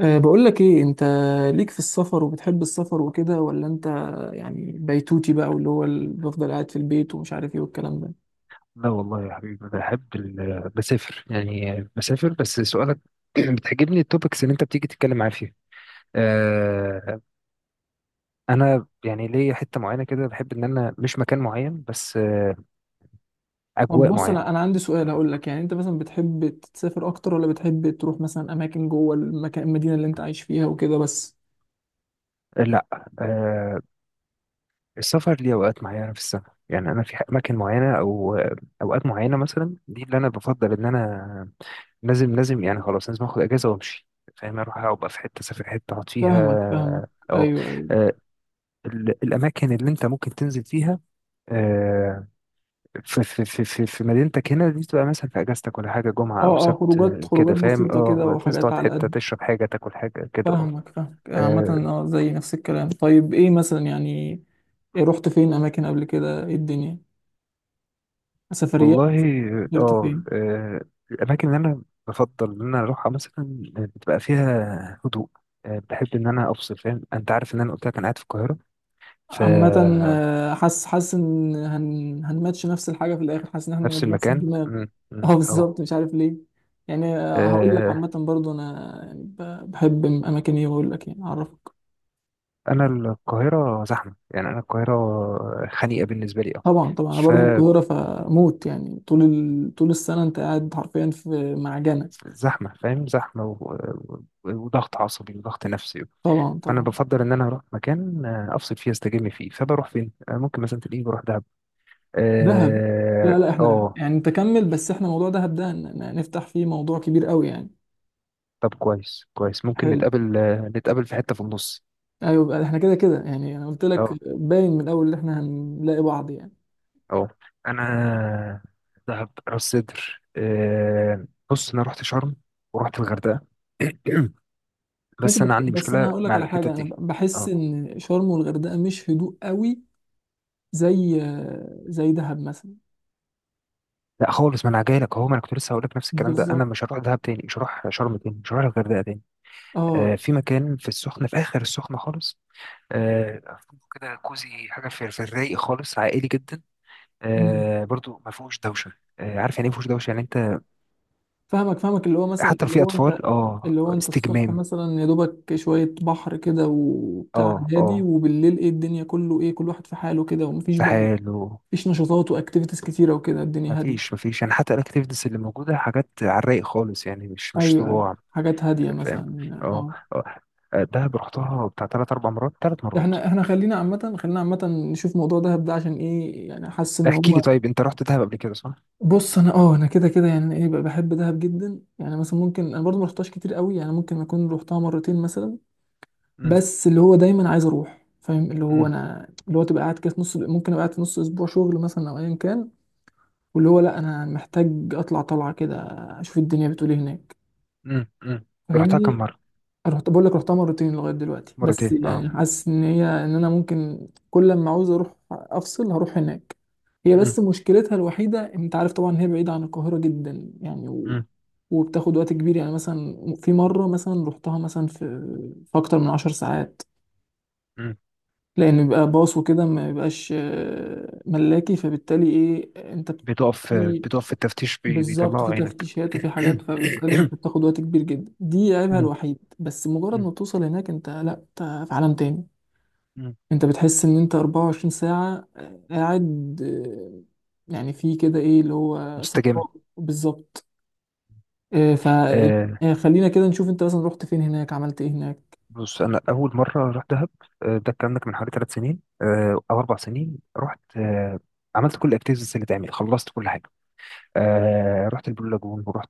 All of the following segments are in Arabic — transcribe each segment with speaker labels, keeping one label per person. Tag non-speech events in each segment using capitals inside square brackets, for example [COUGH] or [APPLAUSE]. Speaker 1: بقول لك ايه انت ليك في السفر وبتحب السفر وكده، ولا انت يعني بيتوتي بقى، واللي هو بفضل قاعد في البيت ومش عارف ايه والكلام ده؟
Speaker 2: لا والله يا حبيبي، انا بحب بسافر، يعني بسافر. بس سؤالك [CLEARS THROAT] بتعجبني التوبكس اللي انت بتيجي تتكلم معايا فيها. آه، انا يعني ليا حته معينه كده، بحب ان انا مش مكان معين بس،
Speaker 1: طب
Speaker 2: اجواء
Speaker 1: بص،
Speaker 2: معينه.
Speaker 1: انا عندي سؤال هقول لك. يعني انت مثلا بتحب تسافر اكتر، ولا بتحب تروح مثلا اماكن جوه المكان، المدينة اللي انت عايش فيها وكده بس؟
Speaker 2: لا، آه، السفر ليه اوقات معينه في السنه، يعني انا في اماكن معينه او، اوقات معينه مثلا. دي اللي انا بفضل ان انا لازم لازم يعني، خلاص لازم اخد اجازه وامشي، فاهم؟ اروح ابقى في حته، اسافر حته اقعد فيها.
Speaker 1: فاهمك فاهمك،
Speaker 2: اه،
Speaker 1: ايوه ايوه.
Speaker 2: الاماكن اللي انت ممكن تنزل فيها، آه، في مدينتك هنا دي، تبقى مثلا في اجازتك ولا حاجه، جمعه او
Speaker 1: اه اه،
Speaker 2: سبت،
Speaker 1: خروجات
Speaker 2: كده
Speaker 1: خروجات
Speaker 2: فاهم.
Speaker 1: بسيطة كده
Speaker 2: اه، تنزل
Speaker 1: وحاجات
Speaker 2: تقعد
Speaker 1: على
Speaker 2: حته،
Speaker 1: قد.
Speaker 2: تشرب حاجه تاكل حاجه كده. اه،
Speaker 1: فاهمك فاهمك عامة،
Speaker 2: آه،
Speaker 1: اه زي نفس الكلام. طيب ايه مثلا يعني، إيه رحت فين اماكن قبل كده؟ ايه الدنيا، سفريات.
Speaker 2: والله.
Speaker 1: سافرت
Speaker 2: اه
Speaker 1: فين؟
Speaker 2: آه، الاماكن اللي انا بفضل ان انا اروحها مثلا، بتبقى فيها هدوء. بحب ان انا افصل، فاهم؟ انت عارف ان انا قلت لك انا قاعد في القاهره،
Speaker 1: عامة
Speaker 2: فنفس
Speaker 1: آه، حاسس حاسس ان هنماتش نفس الحاجة في الآخر، حاسس ان احنا نفس
Speaker 2: المكان
Speaker 1: الدماغ.
Speaker 2: مم،
Speaker 1: [LAUGHS] اه
Speaker 2: مم،
Speaker 1: بالظبط، مش عارف ليه. يعني آه، هقول لك
Speaker 2: اه
Speaker 1: عامة برضو، انا يعني بحب اماكن ايه، واقول لك يعني اعرفك.
Speaker 2: انا القاهره زحمه، يعني انا القاهره خنيقه بالنسبه لي.
Speaker 1: طبعا طبعا، انا برضو
Speaker 2: اه
Speaker 1: القاهرة فموت، يعني طول طول السنة انت قاعد حرفيا في معجنة.
Speaker 2: فزحمه، فاهم؟ زحمه وضغط عصبي وضغط نفسي.
Speaker 1: طبعا
Speaker 2: فانا
Speaker 1: طبعا.
Speaker 2: بفضل ان انا اروح مكان افصل فيه، استجم فيه. فبروح فين؟ ممكن مثلا تلاقيني بروح دهب.
Speaker 1: دهب.
Speaker 2: اه
Speaker 1: لا لا، احنا
Speaker 2: آه،
Speaker 1: يعني تكمل، بس احنا موضوع دهب ده نفتح فيه موضوع كبير قوي يعني.
Speaker 2: طب كويس كويس، ممكن
Speaker 1: حلو.
Speaker 2: نتقابل، نتقابل في حته في النص.
Speaker 1: ايوه بقى، احنا كده كده يعني، انا قلت لك
Speaker 2: اه.
Speaker 1: باين من الاول ان احنا هنلاقي بعض يعني.
Speaker 2: اه. انا دهب، راس سدر، بص، انا رحت شرم ورحت الغردقه، [CLEARS THROAT]
Speaker 1: ماشي،
Speaker 2: بس
Speaker 1: بس
Speaker 2: انا عندي
Speaker 1: بس انا
Speaker 2: مشكله
Speaker 1: هقول لك
Speaker 2: مع
Speaker 1: على
Speaker 2: الحتت
Speaker 1: حاجه، انا
Speaker 2: دي.
Speaker 1: بحس
Speaker 2: اه،
Speaker 1: ان شرم والغردقه مش هدوء قوي زي، دهب مثلا.
Speaker 2: لا خالص. ما انا جاي لك اهو، ما انا كنت لسه هقول لك نفس الكلام ده. انا
Speaker 1: بالظبط،
Speaker 2: مش هروح دهب تاني، مش هروح شرم تاني، مش هروح الغردقه تاني.
Speaker 1: اه.
Speaker 2: في مكان في السخنه، في اخر السخنه خالص، آه كده كوزي حاجه، في الرايق خالص، عائلي جدا.
Speaker 1: مم.
Speaker 2: برضو ما فيهوش دوشه. عارف يعني ايه ما فيهوش دوشه يعني؟ انت
Speaker 1: فاهمك فاهمك، اللي هو مثلا،
Speaker 2: حتى لو
Speaker 1: اللي
Speaker 2: في
Speaker 1: هو انت،
Speaker 2: اطفال، اه،
Speaker 1: اللي هو انت الصبح
Speaker 2: استجمام.
Speaker 1: مثلا يا دوبك شويه بحر كده وبتاع
Speaker 2: اه،
Speaker 1: هادي،
Speaker 2: اه،
Speaker 1: وبالليل ايه الدنيا كله، ايه كل واحد في حاله كده ومفيش
Speaker 2: في
Speaker 1: بقى.
Speaker 2: حاله.
Speaker 1: مفيش نشاطات واكتيفيتيز كتيره وكده،
Speaker 2: ما
Speaker 1: الدنيا
Speaker 2: فيش،
Speaker 1: هاديه.
Speaker 2: ما فيش يعني، حتى الاكتيفيتيز اللي موجوده حاجات على الرايق خالص، يعني مش مش
Speaker 1: ايوه ايوه،
Speaker 2: صداع.
Speaker 1: حاجات هاديه
Speaker 2: فاهم؟
Speaker 1: مثلا
Speaker 2: اه.
Speaker 1: اه.
Speaker 2: اه دهب رحتها بتاع 3 او 4 مرات، 3 مرات.
Speaker 1: احنا خلينا عامه، خلينا عامه نشوف موضوع دهب ده عشان ايه، يعني حاسس ان
Speaker 2: احكي لي،
Speaker 1: هو.
Speaker 2: طيب انت رحت دهب قبل كده صح؟
Speaker 1: بص انا اه، انا كده كده يعني ايه بقى بحب دهب جدا، يعني مثلا ممكن انا برضو ما رحتهاش كتير قوي، يعني ممكن اكون رحتها مرتين مثلا.
Speaker 2: مم.
Speaker 1: بس اللي هو دايما عايز اروح فاهم، اللي هو
Speaker 2: مم.
Speaker 1: انا اللي هو تبقى قاعد كده في نص، ممكن ابقى قاعد في نص اسبوع شغل مثلا او ايا كان. واللي هو لا، انا محتاج اطلع طلعه كده، اشوف الدنيا بتقول ايه هناك.
Speaker 2: مم. مم. رحتها كم
Speaker 1: فاهمني.
Speaker 2: مرة؟
Speaker 1: رحت بقول لك رحتها مرتين لغايه دلوقتي، بس
Speaker 2: مرتين، اه.
Speaker 1: يعني حاسس ان هي، ان انا ممكن كل ما عاوز اروح افصل هروح هناك. هي
Speaker 2: مم.
Speaker 1: بس مشكلتها الوحيده انت عارف طبعا، هي بعيده عن القاهره جدا يعني
Speaker 2: مم.
Speaker 1: وبتاخد وقت كبير. يعني مثلا في مره مثلا رحتها مثلا في، اكتر من 10 ساعات،
Speaker 2: مم.
Speaker 1: لان بيبقى باص وكده، ما بيبقاش آه، ملاكي، فبالتالي ايه انت
Speaker 2: بتقف بتقف في التفتيش،
Speaker 1: بالظبط، في
Speaker 2: بيطلعوا عينك
Speaker 1: تفتيشات وفي حاجات،
Speaker 2: [COUGHS]
Speaker 1: فبالتالي
Speaker 2: مم.
Speaker 1: انت بتاخد وقت كبير جدا، دي عيبها
Speaker 2: مم.
Speaker 1: الوحيد. بس مجرد ما توصل هناك، انت لا، انت في عالم تاني.
Speaker 2: مم.
Speaker 1: انت بتحس ان انت 24 ساعة آه، قاعد آه، يعني في كده ايه اللي هو
Speaker 2: مستجم.
Speaker 1: صفاء بالظبط، آه،
Speaker 2: آه
Speaker 1: آه، خلينا كده نشوف، انت مثلا رحت فين هناك، عملت ايه هناك.
Speaker 2: بص، انا اول مره رحت دهب، ده الكلام ده كان من حوالي 3 سنين او 4 سنين. رحت، عملت كل الاكتيفيتيز اللي تعمل، خلصت كل حاجه. رحت البلو لاجون، ورحت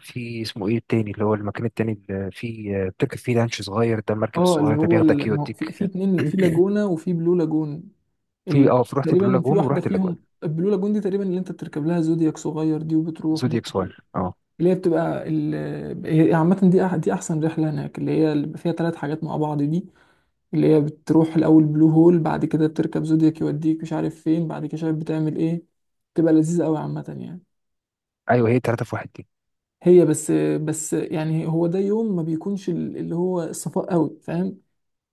Speaker 2: في، اسمه ايه التاني؟ اللي هو المكان التاني اللي فيه بتركب فيه لانش صغير، ده المركب
Speaker 1: اه، اللي
Speaker 2: الصغير ده
Speaker 1: هو
Speaker 2: بياخدك
Speaker 1: ما هو في،
Speaker 2: يوديك.
Speaker 1: اتنين، في
Speaker 2: [CLEARS THROAT]
Speaker 1: لاجونا وفي بلو لاجون. ال...
Speaker 2: في اه في رحت بلو
Speaker 1: تقريبا في
Speaker 2: لاجون
Speaker 1: واحدة
Speaker 2: ورحت اللاجون.
Speaker 1: فيهم، البلو لاجون دي تقريبا اللي انت بتركب لها زودياك صغير دي، وبتروح
Speaker 2: زودياك
Speaker 1: بقى.
Speaker 2: صغير، اه.
Speaker 1: اللي هي بتبقى هي عامة دي، دي أحسن رحلة هناك، اللي هي اللي بيبقى فيها ثلاث حاجات مع بعض دي. اللي هي بتروح الأول بلو هول، بعد كده بتركب زودياك يوديك مش عارف فين، بعد كده شايف بتعمل إيه. بتبقى لذيذة أوي عامة يعني.
Speaker 2: ايوه، هي 3 في 1 دي.
Speaker 1: هي بس، بس يعني هو ده يوم ما بيكونش اللي هو الصفاء أوي فاهم،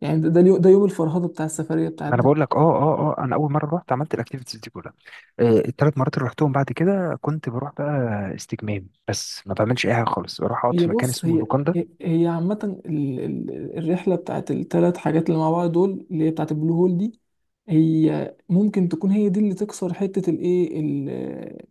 Speaker 1: يعني ده ده ده يوم الفرهدة بتاع السفرية بتاعت.
Speaker 2: ما انا بقول لك، انا اول مره رحت عملت الاكتيفيتيز دي كلها. ال3 مرات اللي رحتهم بعد كده كنت بروح بقى استجمام بس، ما بعملش اي حاجه خالص، بروح اقعد
Speaker 1: هي
Speaker 2: في مكان
Speaker 1: بص،
Speaker 2: اسمه
Speaker 1: هي
Speaker 2: لوكاندا
Speaker 1: هي عامة الرحلة بتاعت التلات حاجات اللي مع بعض دول، اللي هي بتاعت البلو هول دي، هي ممكن تكون هي دي اللي تكسر حتة الايه ال-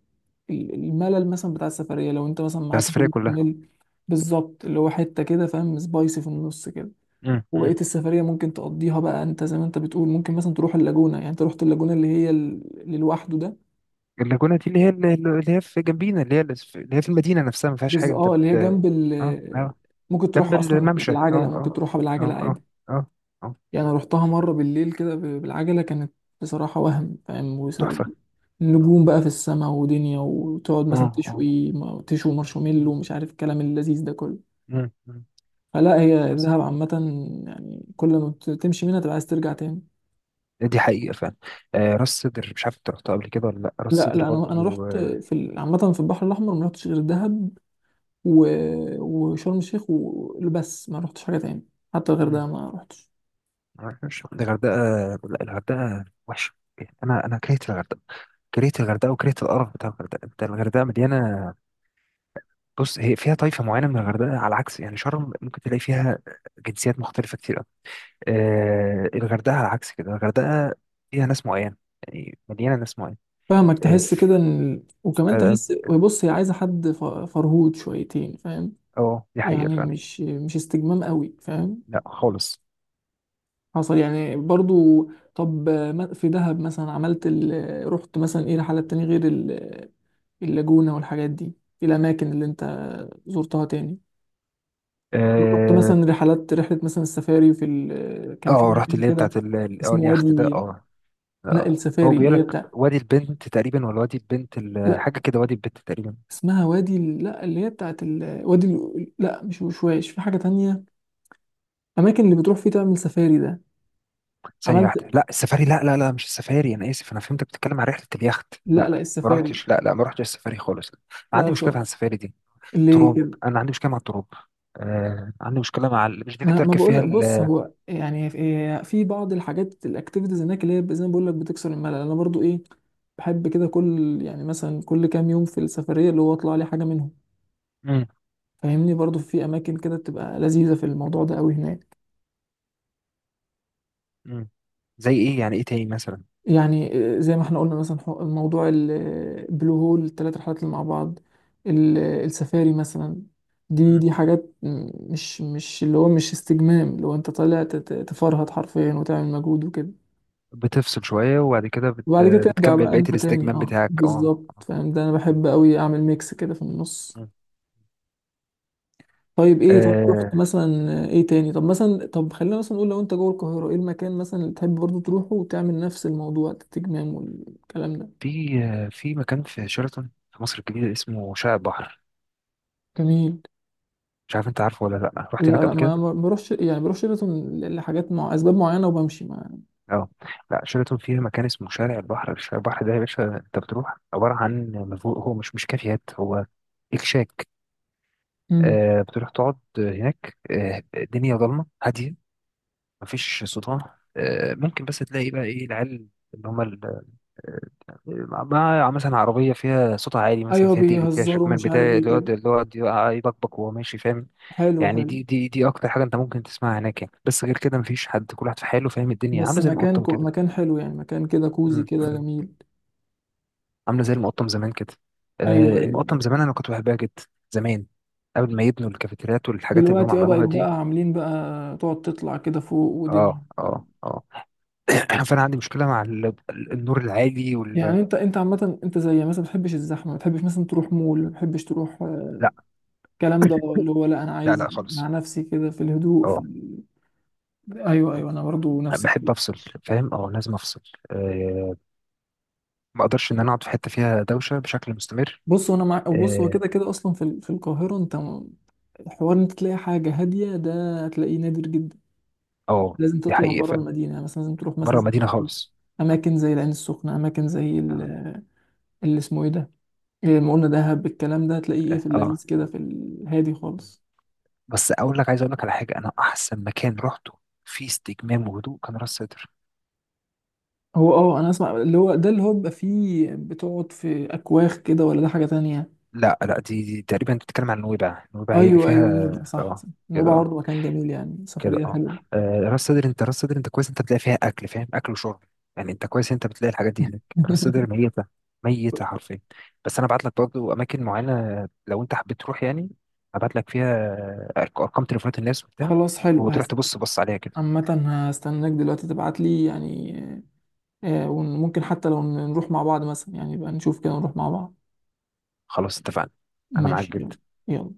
Speaker 1: ال- الملل مثلا بتاع السفرية، لو انت مثلا
Speaker 2: بتاع
Speaker 1: معاك
Speaker 2: السفريه
Speaker 1: بيبي
Speaker 2: كلها.
Speaker 1: ميل. بالظبط، اللي هو حتة كده فاهم، سبايسي في النص كده.
Speaker 2: مم.
Speaker 1: وبقية
Speaker 2: مم.
Speaker 1: السفرية ممكن تقضيها بقى انت زي ما انت بتقول، ممكن مثلا تروح اللاجونة. يعني انت رحت اللاجونة اللي هي اللي لوحده ده،
Speaker 2: اللاجونه دي، اللي هي في جنبينا، اللي هي في المدينه نفسها، ما فيهاش
Speaker 1: بس
Speaker 2: حاجه. انت
Speaker 1: اه
Speaker 2: بت
Speaker 1: اللي هي جنب
Speaker 2: اه
Speaker 1: ال،
Speaker 2: آه،
Speaker 1: ممكن
Speaker 2: جنب
Speaker 1: تروح اصلا
Speaker 2: الممشى. اه،
Speaker 1: بالعجلة، ممكن
Speaker 2: اه،
Speaker 1: تروحها بالعجلة
Speaker 2: اه،
Speaker 1: عادي.
Speaker 2: اه، اه، اه.
Speaker 1: يعني رحتها مرة بالليل كده، بالعجلة كانت بصراحة، وهم فاهم
Speaker 2: تحفة.
Speaker 1: نجوم بقى في السماء ودنيا، وتقعد
Speaker 2: اه،
Speaker 1: مثلا
Speaker 2: اه،
Speaker 1: تشوي تشوي مارشميلو
Speaker 2: مم،
Speaker 1: ومش عارف الكلام اللذيذ ده كله.
Speaker 2: مم، مم.
Speaker 1: فلا هي
Speaker 2: بس.
Speaker 1: دهب عامة، يعني كل ما بتمشي منها تبقى عايز ترجع تاني.
Speaker 2: دي حقيقة فعلا. راس سدر، مش عارف انت رحتها قبل كده ولا لا، راس
Speaker 1: لا
Speaker 2: سدر
Speaker 1: لا، انا
Speaker 2: برضو.
Speaker 1: رحت في عامة في البحر الاحمر، ما رحتش غير دهب و... وشرم الشيخ وبس، ما رحتش حاجة تاني، حتى غير ده
Speaker 2: مم،
Speaker 1: ما رحتش.
Speaker 2: معرفش. الغردقة، لا الغردقة وحشة. انا انا كرهت الغردقة، كرهت الغردقة وكرهت القرف بتاع الغردقة. انت الغردقة مليانة، بص، هي فيها طائفة معينة من الغردقة. على عكس يعني شرم، ممكن تلاقي فيها جنسيات مختلفة كتير. آه، الغردقة على عكس كده، الغردقة فيها ناس معين، يعني مليانة ناس معين.
Speaker 1: فاهمك،
Speaker 2: اه.
Speaker 1: تحس كده ان
Speaker 2: آه،
Speaker 1: وكمان
Speaker 2: آه،
Speaker 1: تحس بص هي عايزة حد فرهود شويتين فاهم،
Speaker 2: آه، دي حقيقة
Speaker 1: يعني
Speaker 2: فعلا.
Speaker 1: مش مش استجمام قوي فاهم،
Speaker 2: لا خالص.
Speaker 1: حصل يعني برضو. طب في دهب مثلا عملت رحت مثلا ايه رحلات تاني غير اللاجونة والحاجات دي، في الأماكن اللي أنت زرتها تاني، رحت
Speaker 2: اه
Speaker 1: مثلا رحلات، رحلة مثلا السفاري في كان في
Speaker 2: رحت
Speaker 1: مكان
Speaker 2: اللي هي
Speaker 1: كده
Speaker 2: بتاعت،
Speaker 1: اسمه
Speaker 2: اليخت ده،
Speaker 1: وادي،
Speaker 2: اه.
Speaker 1: لا
Speaker 2: آه. هو
Speaker 1: السفاري
Speaker 2: بيقول
Speaker 1: اللي هي
Speaker 2: لك
Speaker 1: بتاع،
Speaker 2: وادي البنت تقريبا، ولا وادي البنت،
Speaker 1: لا
Speaker 2: حاجة كده، وادي البنت تقريبا.
Speaker 1: اسمها وادي لا، اللي هي بتاعت وادي لا مش وشواش، في حاجة تانية، أماكن اللي بتروح فيه تعمل سفاري ده.
Speaker 2: ثانية
Speaker 1: عملت،
Speaker 2: واحدة، لا السفاري، لا لا لا، مش السفاري. أنا آسف، أنا فهمتك بتتكلم عن رحلة اليخت.
Speaker 1: لا
Speaker 2: لا،
Speaker 1: لا
Speaker 2: ما
Speaker 1: السفاري،
Speaker 2: رحتش، لا لا، ما رحتش السفاري خالص.
Speaker 1: لا
Speaker 2: عندي مشكلة مع
Speaker 1: بصراحة.
Speaker 2: السفاري دي. تراب،
Speaker 1: ليه؟
Speaker 2: أنا عندي مشكلة مع التراب. عندي مشكلة مع مش دي اللي
Speaker 1: ما
Speaker 2: تركب
Speaker 1: بقول
Speaker 2: فيها.
Speaker 1: لك، بص هو يعني في، في بعض الحاجات الاكتيفيتيز هناك اللي هي زي ما بقول لك بتكسر الملل، انا برضو ايه بحب كده كل يعني، مثلا كل كام يوم في السفريه اللي هو اطلع لي حاجه منهم.
Speaker 2: مم.
Speaker 1: فاهمني، برضو في اماكن كده بتبقى لذيذه في الموضوع ده قوي هناك.
Speaker 2: مم. زي ايه يعني؟ ايه تاني مثلا؟
Speaker 1: يعني آه، زي ما احنا قلنا مثلا موضوع البلو هول، الثلاث رحلات اللي مع بعض، آه، السفاري مثلا. دي
Speaker 2: مم.
Speaker 1: دي حاجات مش مش اللي هو مش استجمام، اللي هو انت طالع تفرهد حرفيا وتعمل مجهود وكده.
Speaker 2: بتفصل شوية، وبعد كده
Speaker 1: وبعد كده ترجع
Speaker 2: بتكمل
Speaker 1: بقى
Speaker 2: بقية
Speaker 1: انت تاني
Speaker 2: الاستجمام
Speaker 1: اه،
Speaker 2: بتاعك. اه.
Speaker 1: بالظبط فاهم، ده انا بحب قوي اعمل ميكس كده في النص.
Speaker 2: مم.
Speaker 1: طيب ايه، طب رحت
Speaker 2: آه
Speaker 1: مثلا ايه تاني؟ طب مثلا، طب خلينا مثلا نقول لو انت جوه القاهرة، ايه المكان مثلا اللي تحب برضو تروحه وتعمل نفس الموضوع التجمام والكلام ده؟
Speaker 2: في مكان في شيراتون في مصر الجديدة، اسمه شارع البحر.
Speaker 1: جميل.
Speaker 2: مش عارف انت عارفه ولا لا،
Speaker 1: لا
Speaker 2: رحت هناك
Speaker 1: لا،
Speaker 2: قبل
Speaker 1: ما
Speaker 2: كده؟
Speaker 1: ما بروحش، يعني بروح شيراتون لحاجات مع اسباب معينة، وبمشي مع.
Speaker 2: اه، لا شيراتون فيها مكان اسمه شارع البحر. شارع البحر ده يا باشا، انت بتروح عبارة عن، هو مش كافيهات، هو اكشاك.
Speaker 1: مم.
Speaker 2: بتروح تقعد هناك، الدنيا ضلمة هادية، مفيش صداع. ممكن بس تلاقي بقى ايه، العيال اللي هم، آه، مع مثلا عربية فيها صوت عالي، مثلا
Speaker 1: ايوه،
Speaker 2: فيها ديفل، فيها
Speaker 1: بيهزروا
Speaker 2: شكمان
Speaker 1: مش
Speaker 2: بتاع
Speaker 1: عارف ايه
Speaker 2: اللي
Speaker 1: كده،
Speaker 2: يقعد، اللي يقعد يبكبك وهو ماشي، فاهم؟
Speaker 1: حلو حلو.
Speaker 2: يعني دي أكتر حاجة أنت ممكن تسمعها هناك يعني. بس غير كده مفيش حد، كل واحد في حاله، فاهم؟ الدنيا
Speaker 1: بس
Speaker 2: عاملة زي
Speaker 1: مكان
Speaker 2: المقطم كده.
Speaker 1: مكان حلو يعني، مكان كده كوزي
Speaker 2: مم.
Speaker 1: كده
Speaker 2: مم.
Speaker 1: جميل.
Speaker 2: عاملة زي المقطم زمان كده.
Speaker 1: ايوه
Speaker 2: آه،
Speaker 1: ايوه.
Speaker 2: المقطم زمان أنا كنت بحبها جدا، زمان، قبل ما يبنوا الكافيتريات والحاجات اللي هم
Speaker 1: دلوقتي اه بقت
Speaker 2: عملوها دي.
Speaker 1: بقى عاملين بقى تقعد تطلع كده فوق ودنيا.
Speaker 2: اه، اه، اه. [CLEARS THROAT] فانا عندي مشكله مع النور العالي
Speaker 1: يعني انت، عامة انت زي مثلا ما بتحبش الزحمة، ما بتحبش مثلا تروح مول، ما بتحبش تروح آه،
Speaker 2: لا،
Speaker 1: الكلام ده، اللي هو لا انا
Speaker 2: لا،
Speaker 1: عايز
Speaker 2: لا خالص.
Speaker 1: مع نفسي كده في الهدوء، في
Speaker 2: اه،
Speaker 1: ايوه ايوه، انا برضو نفس
Speaker 2: بحب
Speaker 1: الكلام.
Speaker 2: افصل، فاهم؟ اه، لازم افصل. أه ما اقدرش ان انا اقعد في حته فيها دوشه بشكل مستمر.
Speaker 1: بص وانا مع، بص هو
Speaker 2: اه،
Speaker 1: كده كده اصلا في في القاهرة، انت حوار انت تلاقي حاجة هادية، ده هتلاقيه نادر جدا.
Speaker 2: آه،
Speaker 1: لازم
Speaker 2: دي
Speaker 1: تطلع
Speaker 2: حقيقه،
Speaker 1: بره
Speaker 2: فاهم؟
Speaker 1: المدينة، يعني مثلا لازم تروح
Speaker 2: بره
Speaker 1: مثلا
Speaker 2: مدينه خالص. اه.
Speaker 1: اماكن زي العين السخنة، اماكن زي
Speaker 2: اه.
Speaker 1: اللي اسمه ايه ده، زي ما قلنا دهب، الكلام ده هتلاقيه ايه في
Speaker 2: آه.
Speaker 1: اللذيذ كده، في الهادي خالص.
Speaker 2: بس اقول لك، عايز اقول لك على حاجه، انا احسن مكان رحته في استجمام وهدوء كان راس سدر.
Speaker 1: هو اه، انا اسمع اللي هو ده اللي هو بيبقى فيه بتقعد في اكواخ كده، ولا ده حاجة تانية؟
Speaker 2: لا لا، دي تقريبا انت بتتكلم عن نويبع، نويبع هي اللي
Speaker 1: ايوه
Speaker 2: فيها.
Speaker 1: ايوه نويبع، صح
Speaker 2: اه،
Speaker 1: صح،
Speaker 2: كده.
Speaker 1: نويبع
Speaker 2: اه،
Speaker 1: برضه مكان جميل يعني،
Speaker 2: كده.
Speaker 1: سفرية
Speaker 2: اه،
Speaker 1: حلوة.
Speaker 2: آه، راس صدر انت كويس، انت بتلاقي فيها اكل، فاهم؟ اكل وشرب يعني، انت كويس، انت بتلاقي الحاجات دي هناك. راس صدر
Speaker 1: [LAUGHS]
Speaker 2: ميته، ميته حرفيا. بس انا ابعت لك برضه اماكن معينه، لو انت حبيت تروح يعني ابعت لك فيها ارقام تليفونات الناس وبتاع،
Speaker 1: خلاص حلو
Speaker 2: وتروح
Speaker 1: هس.
Speaker 2: تبص، بص عليها كده.
Speaker 1: عامة هستناك دلوقتي تبعت لي يعني، آه، وممكن حتى لو نروح مع بعض مثلا يعني، يبقى نشوف كده نروح مع بعض.
Speaker 2: خلاص، اتفقنا، انا معاك
Speaker 1: ماشي يلا،
Speaker 2: جدا.
Speaker 1: يلا.